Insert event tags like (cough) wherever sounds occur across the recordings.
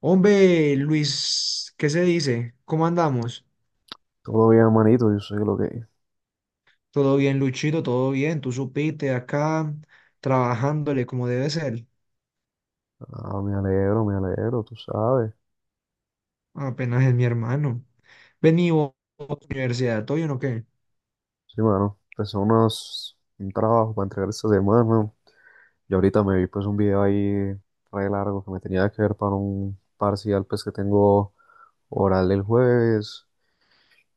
Hombre, Luis, ¿qué se dice? ¿Cómo andamos? Todo bien, manito, yo sé lo que es. Todo bien, Luchito, todo bien. Tú supiste acá trabajándole como debe ser. Ah, me alegro, tú sabes. Apenas es mi hermano. Vení vos, universidad, ¿todo bien o qué? Sí, mano, empecé un trabajo para entregar esta semana, ¿no? Y ahorita me vi pues un video ahí re largo que me tenía que ver para un parcial pues que tengo oral el jueves.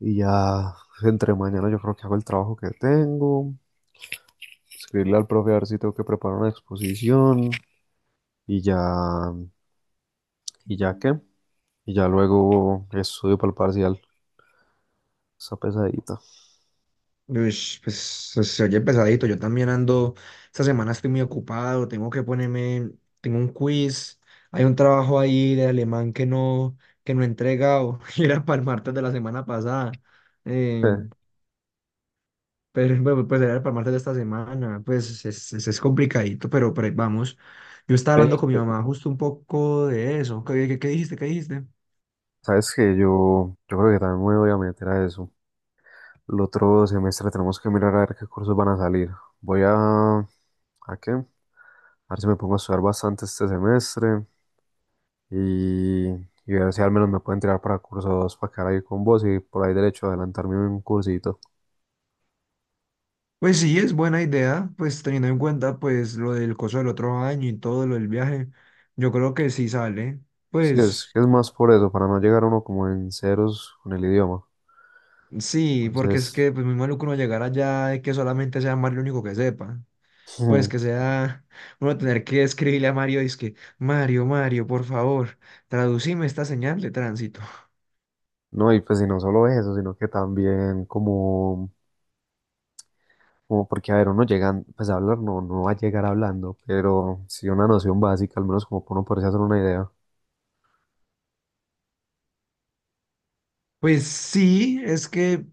Y ya entre mañana yo creo que hago el trabajo que tengo. Escribirle al profe a ver si tengo que preparar una exposición. Y ya, ¿Y ya qué? Y ya luego estudio para el parcial. Esa pesadita. Ush, pues se oye pesadito. Yo también ando. Esta semana estoy muy ocupado. Tengo que ponerme. Tengo un quiz. Hay un trabajo ahí de alemán que no he entregado. (laughs) Y era para el martes de la semana pasada. Em, (laughs) Pero bueno, era para martes de esta semana, pues es complicadito, pero ahí vamos. Yo estaba Ve, hablando con mi mamá justo un poco de eso. ¿Qué dijiste? ¿Qué dijiste? sabes que yo creo que también me voy a meter a eso. El otro semestre tenemos que mirar a ver qué cursos van a salir. Voy ¿a qué? A ver si me pongo a estudiar bastante este semestre y ver si al menos me pueden tirar para cursos para quedar ahí con vos y por ahí derecho a adelantarme un cursito. Pues sí, es buena idea, pues teniendo en cuenta pues lo del coso del otro año y todo lo del viaje, yo creo que sí sale. Sí, es Pues que es más por eso, para no llegar uno como en ceros con el idioma. sí, porque es Entonces, que pues muy maluco uno llegar allá y que solamente sea Mario el único que sepa. Pues que (laughs) sea (laughs) uno tener que escribirle a Mario, es que Mario, Mario, por favor, traducime esta señal de tránsito. no, y pues y no solo eso, sino que también como porque, a ver, uno llega, pues a hablar no, no va a llegar hablando, pero sí una noción básica, al menos como para uno poderse hacer una idea. Pues sí, es que,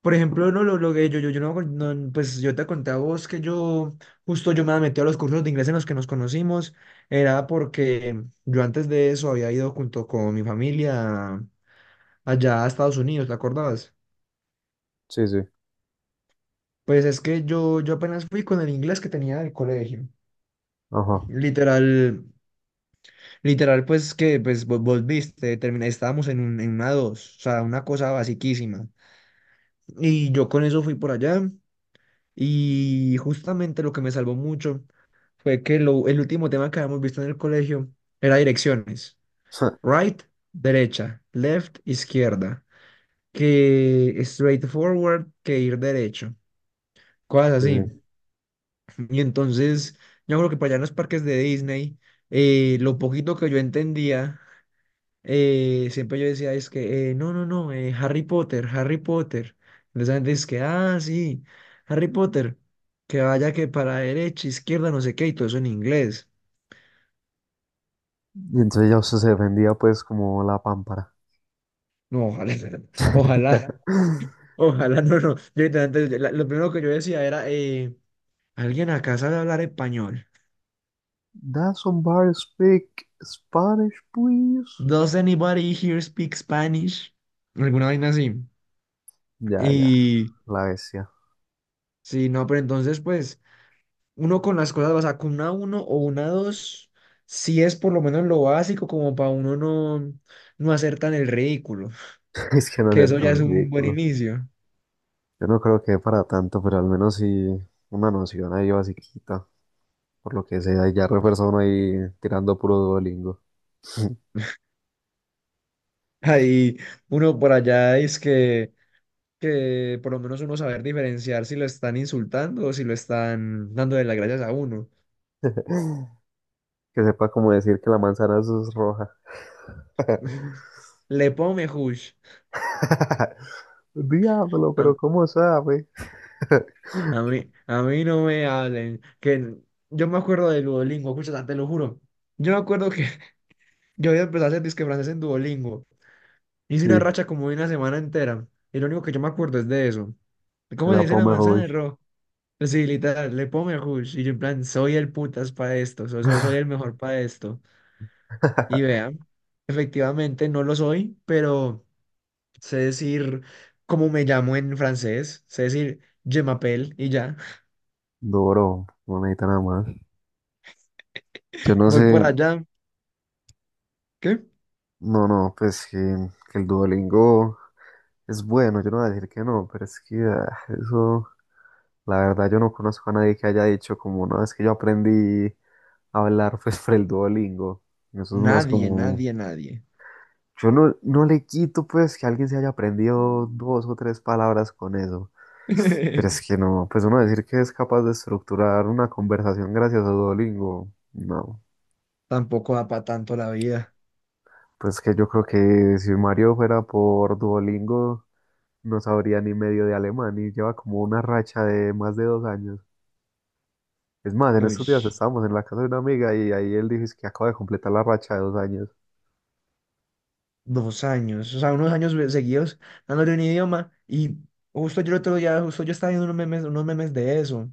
por ejemplo, no lo que yo no, no, pues yo te conté a vos que yo, justo yo me metí a los cursos de inglés en los que nos conocimos, era porque yo antes de eso había ido junto con mi familia allá a Estados Unidos, ¿te acordabas? Sí, sí, Pues es que yo apenas fui con el inglés que tenía del colegio, ajá. literal, literal, pues que, pues vos viste, terminé, estábamos en una dos, o sea, una cosa basiquísima, y yo con eso fui por allá. Y justamente lo que me salvó mucho fue que el último tema que habíamos visto en el colegio era direcciones. (laughs) Right, derecha, left, izquierda, que straightforward, que ir derecho, cosas Sí, así. sí. Y entonces, yo creo que para allá en los parques de Disney, lo poquito que yo entendía siempre yo decía, es que, no, no, no, Harry Potter, Harry Potter. Entonces la gente dice que, ah, sí, Harry Potter, que vaya que para derecha, izquierda, no sé qué, y todo eso en inglés. Y entonces ya usted se defendía pues como la pámpara. No, ojalá, (laughs) ojalá, (laughs) ojalá, no, no. Yo, literalmente, lo primero que yo decía era, ¿alguien acá sabe hablar español? Does somebody speak Spanish, please? ¿Does anybody here speak Spanish? Alguna vaina así. Ya, ya, Y la bestia. sí, no, pero entonces, pues. Uno con las cosas, o sea, con una uno o una 2, sí es por lo menos lo básico como para uno no, no hacer tan el ridículo, (laughs) Es que (laughs) no que ser eso ya tan es un buen ridículo. inicio. Yo no creo que para tanto, pero al menos sí una noción ahí basiquita. Por lo que sea, y ya refuerza uno ahí tirando puro Duolingo. (laughs) Ahí uno por allá es que por lo menos uno saber diferenciar si lo están insultando o si lo están dando de las gracias a uno. (laughs) Que sepa como decir que la manzana es roja. Le pone hush. (laughs) Diablo, A pero ¿cómo sabe? (laughs) a mí, a mí no me hablen. Que yo me acuerdo de Duolingo, escucha, te lo juro. Yo me acuerdo que (laughs) yo había empezado a hacer disque francés en Duolingo. Hice Sí, una racha como de una semana entera. Y lo único que yo me acuerdo es de eso. ¿Cómo se la dice la Pomerol. manzana, Ro? Sí, literal, le pongo el hush. Y yo en plan, soy el putas para esto. Soy el mejor para esto. Y (laughs) vean, efectivamente no lo soy, pero sé decir cómo me llamo en francés. Sé decir, je m'appelle y ya. (laughs) Duro, no necesita nada más. Yo no Voy por sé, allá. ¿Qué? no, no, pues que el Duolingo es bueno, yo no voy a decir que no, pero es que eso, la verdad, yo no conozco a nadie que haya dicho como, no, es que yo aprendí a hablar (laughs) pues por el Duolingo. Eso es más Nadie, como. nadie, nadie. Yo no le quito pues que alguien se haya aprendido dos o tres palabras con eso. Pero es que (laughs) no, pues uno decir que es capaz de estructurar una conversación gracias a Duolingo, no. Tampoco da para tanto la vida. Pues que yo creo que si Mario fuera por Duolingo, no sabría ni medio de alemán y lleva como una racha de más de dos años. Es más, en Uy. estos días estábamos en la casa de una amiga y ahí él dijo: "Es que acaba de completar la racha de dos años". 2 años, o sea, unos años seguidos dándole un idioma y justo yo el otro día, justo yo estaba viendo unos memes de eso.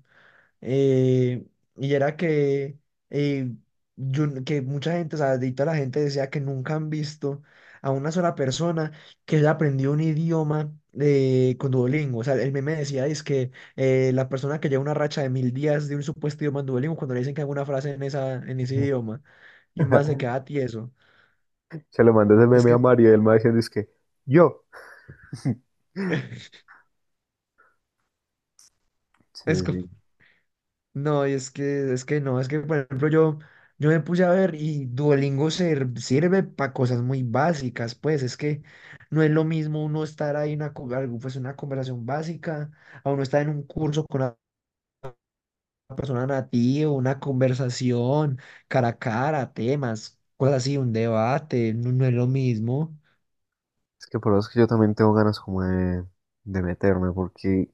eh, y era que, eh, yo, que mucha gente, o sea, de toda la gente decía que nunca han visto a una sola persona que haya aprendido un idioma con Duolingo. O sea, el meme decía es que la persona que lleva una racha de 1.000 días de un supuesto idioma en Duolingo, cuando le dicen que haga una frase en, en ese idioma, y más se (laughs) queda tieso. Se le mandé ese Es meme a que Mario y él me va diciendo es que yo. (laughs) (laughs) Sí, es como... sí. No, y es que, no, es que por ejemplo yo me puse a ver y Duolingo sirve para cosas muy básicas, pues es que no es lo mismo uno estar ahí en una, algo, pues, una conversación básica, a uno estar en un curso con una persona nativa, una conversación cara a cara, temas, cosas así, un debate, no, no es lo mismo. Es que por eso es que yo también tengo ganas como de meterme, porque,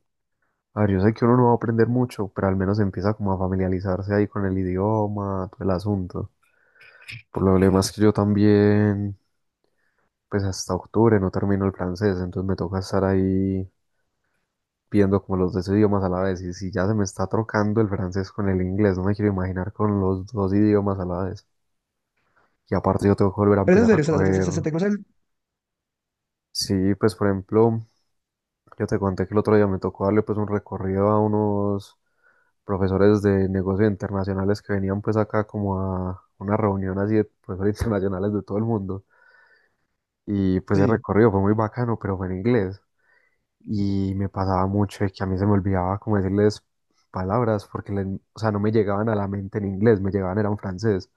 a ver, yo sé que uno no va a aprender mucho, pero al menos empieza como a familiarizarse ahí con el idioma, todo el asunto. Por lo demás que yo también, pues hasta octubre no termino el francés, entonces me toca estar ahí viendo como los dos idiomas a la vez. Y si ya se me está trocando el francés con el inglés, no me quiero imaginar con los dos idiomas a la vez. Y aparte yo tengo que volver a Pero en empezar a serio, se, se, se- coger, se- se te cruza el... sí, pues por ejemplo. Yo te conté que el otro día me tocó darle pues un recorrido a unos profesores de negocios internacionales que venían pues acá como a una reunión así de profesores (laughs) internacionales de todo el mundo. Y pues el Sí. recorrido fue muy bacano, pero fue en inglés. Y me pasaba mucho de que a mí se me olvidaba como decirles palabras porque, o sea, no me llegaban a la mente en inglés, me llegaban era en francés.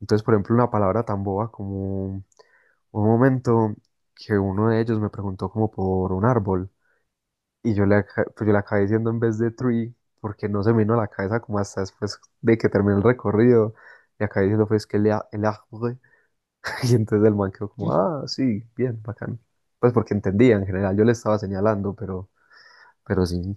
Entonces, por ejemplo, una palabra tan boba como hubo un momento que uno de ellos me preguntó como por un árbol. Pues yo le acabé diciendo en vez de tree, porque no se me vino a la cabeza como hasta después de que terminé el recorrido. Le acabé diciendo pues que el arbre. (laughs) Y entonces el man quedó como, ah, sí, bien, bacán. Pues porque entendía en general, yo le estaba señalando, pero sí.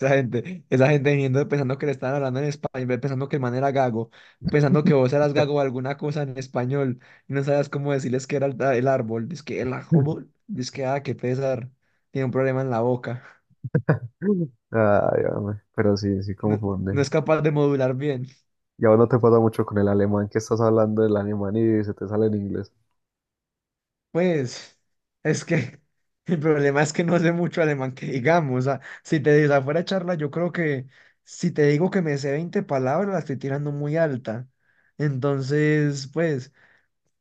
Esa gente viniendo pensando que le estaban hablando en español, pensando que el man era gago, pensando que vos eras gago o alguna cosa en español, y no sabías cómo decirles que era el árbol. Dice que el (laughs) árbol, dice que, ah, qué pesar, tiene un problema en la boca. Ay, hombre, pero sí, sí No, confunde. no es capaz de modular bien. Y ahora no te pasa mucho con el alemán que estás hablando del alemán y se te sale en inglés. Pues, es que (laughs) el problema es que no sé mucho alemán que digamos. O sea, si te digo afuera charla, yo creo que si te digo que me sé 20 palabras, la estoy tirando muy alta. Entonces, pues.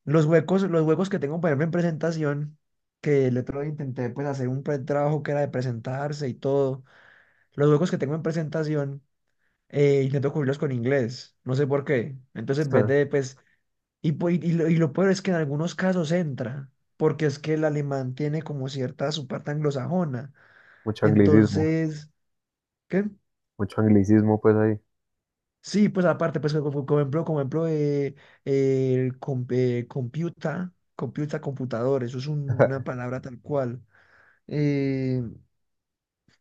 Los huecos que tengo, por ejemplo, en presentación, que el otro día intenté pues hacer un trabajo que era de presentarse y todo, los huecos que tengo en presentación, intento cubrirlos con inglés, no sé por qué. Entonces, en vez de (laughs) pues, y lo peor es que en algunos casos entra, porque es que el alemán tiene como cierta su parte anglosajona. Mucho anglicismo, Entonces, ¿qué? mucho anglicismo pues ahí. Sí, pues aparte, pues como ejemplo, el computador, eso es una palabra tal cual. Eh,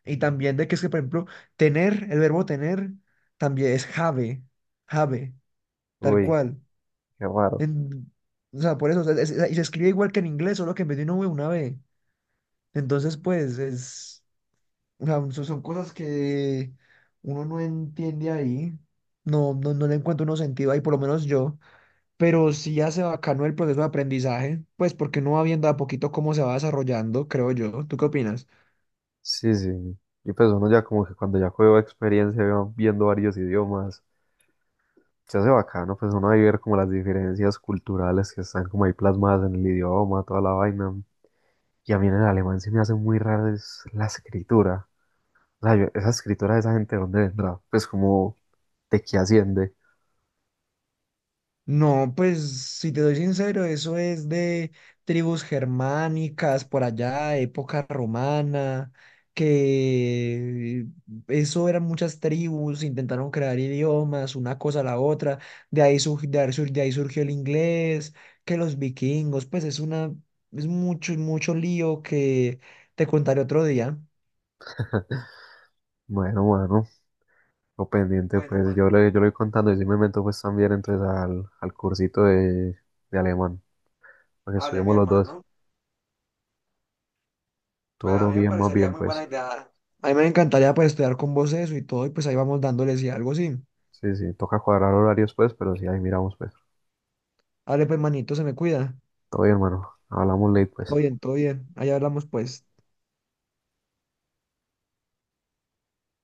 y también de que es que, por ejemplo, tener, el verbo tener también es have, have, tal Uy, cual. qué raro. En- o sea, por eso, o sea, y se escribe igual que en inglés, solo que en vez de una V, una B. Entonces, pues, es, o sea, son cosas que uno no entiende ahí. No, no, no le encuentro uno sentido ahí, por lo menos yo. Pero sí hace bacano el proceso de aprendizaje, pues porque uno va viendo de a poquito cómo se va desarrollando, creo yo. ¿Tú qué opinas? Sí, sí. Y pues uno ya como que cuando ya cogió experiencia va viendo varios idiomas, se hace bacano, pues uno va a ver como las diferencias culturales que están como ahí plasmadas en el idioma, toda la vaina. Y a mí en el alemán se me hace muy raro es la escritura. O sea, esa escritura de esa gente, ¿de ¿dónde vendrá? Pues como, ¿de qué asciende? No, pues si te soy sincero, eso es de tribus germánicas por allá, época romana, que eso eran muchas tribus, intentaron crear idiomas, una cosa a la otra, de ahí surgió el inglés, que los vikingos, pues es mucho, mucho lío que te contaré otro día. Bueno, bueno, lo pendiente, Bueno, pues yo le voy contando y si me meto pues también entonces al cursito de alemán, para que hable mi estudiemos los dos. hermano. Bueno, a Todo mí me bien, más parecería bien, muy pues. buena idea. A mí me encantaría pues estudiar con vos eso y todo, y pues ahí vamos dándoles y algo así. Sí, sí, toca cuadrar horarios pues, pero sí, ahí miramos pues. Dale, pues, manito, se me cuida. Todo bien, hermano. Hablamos late pues. Todo bien, todo bien. Ahí hablamos pues.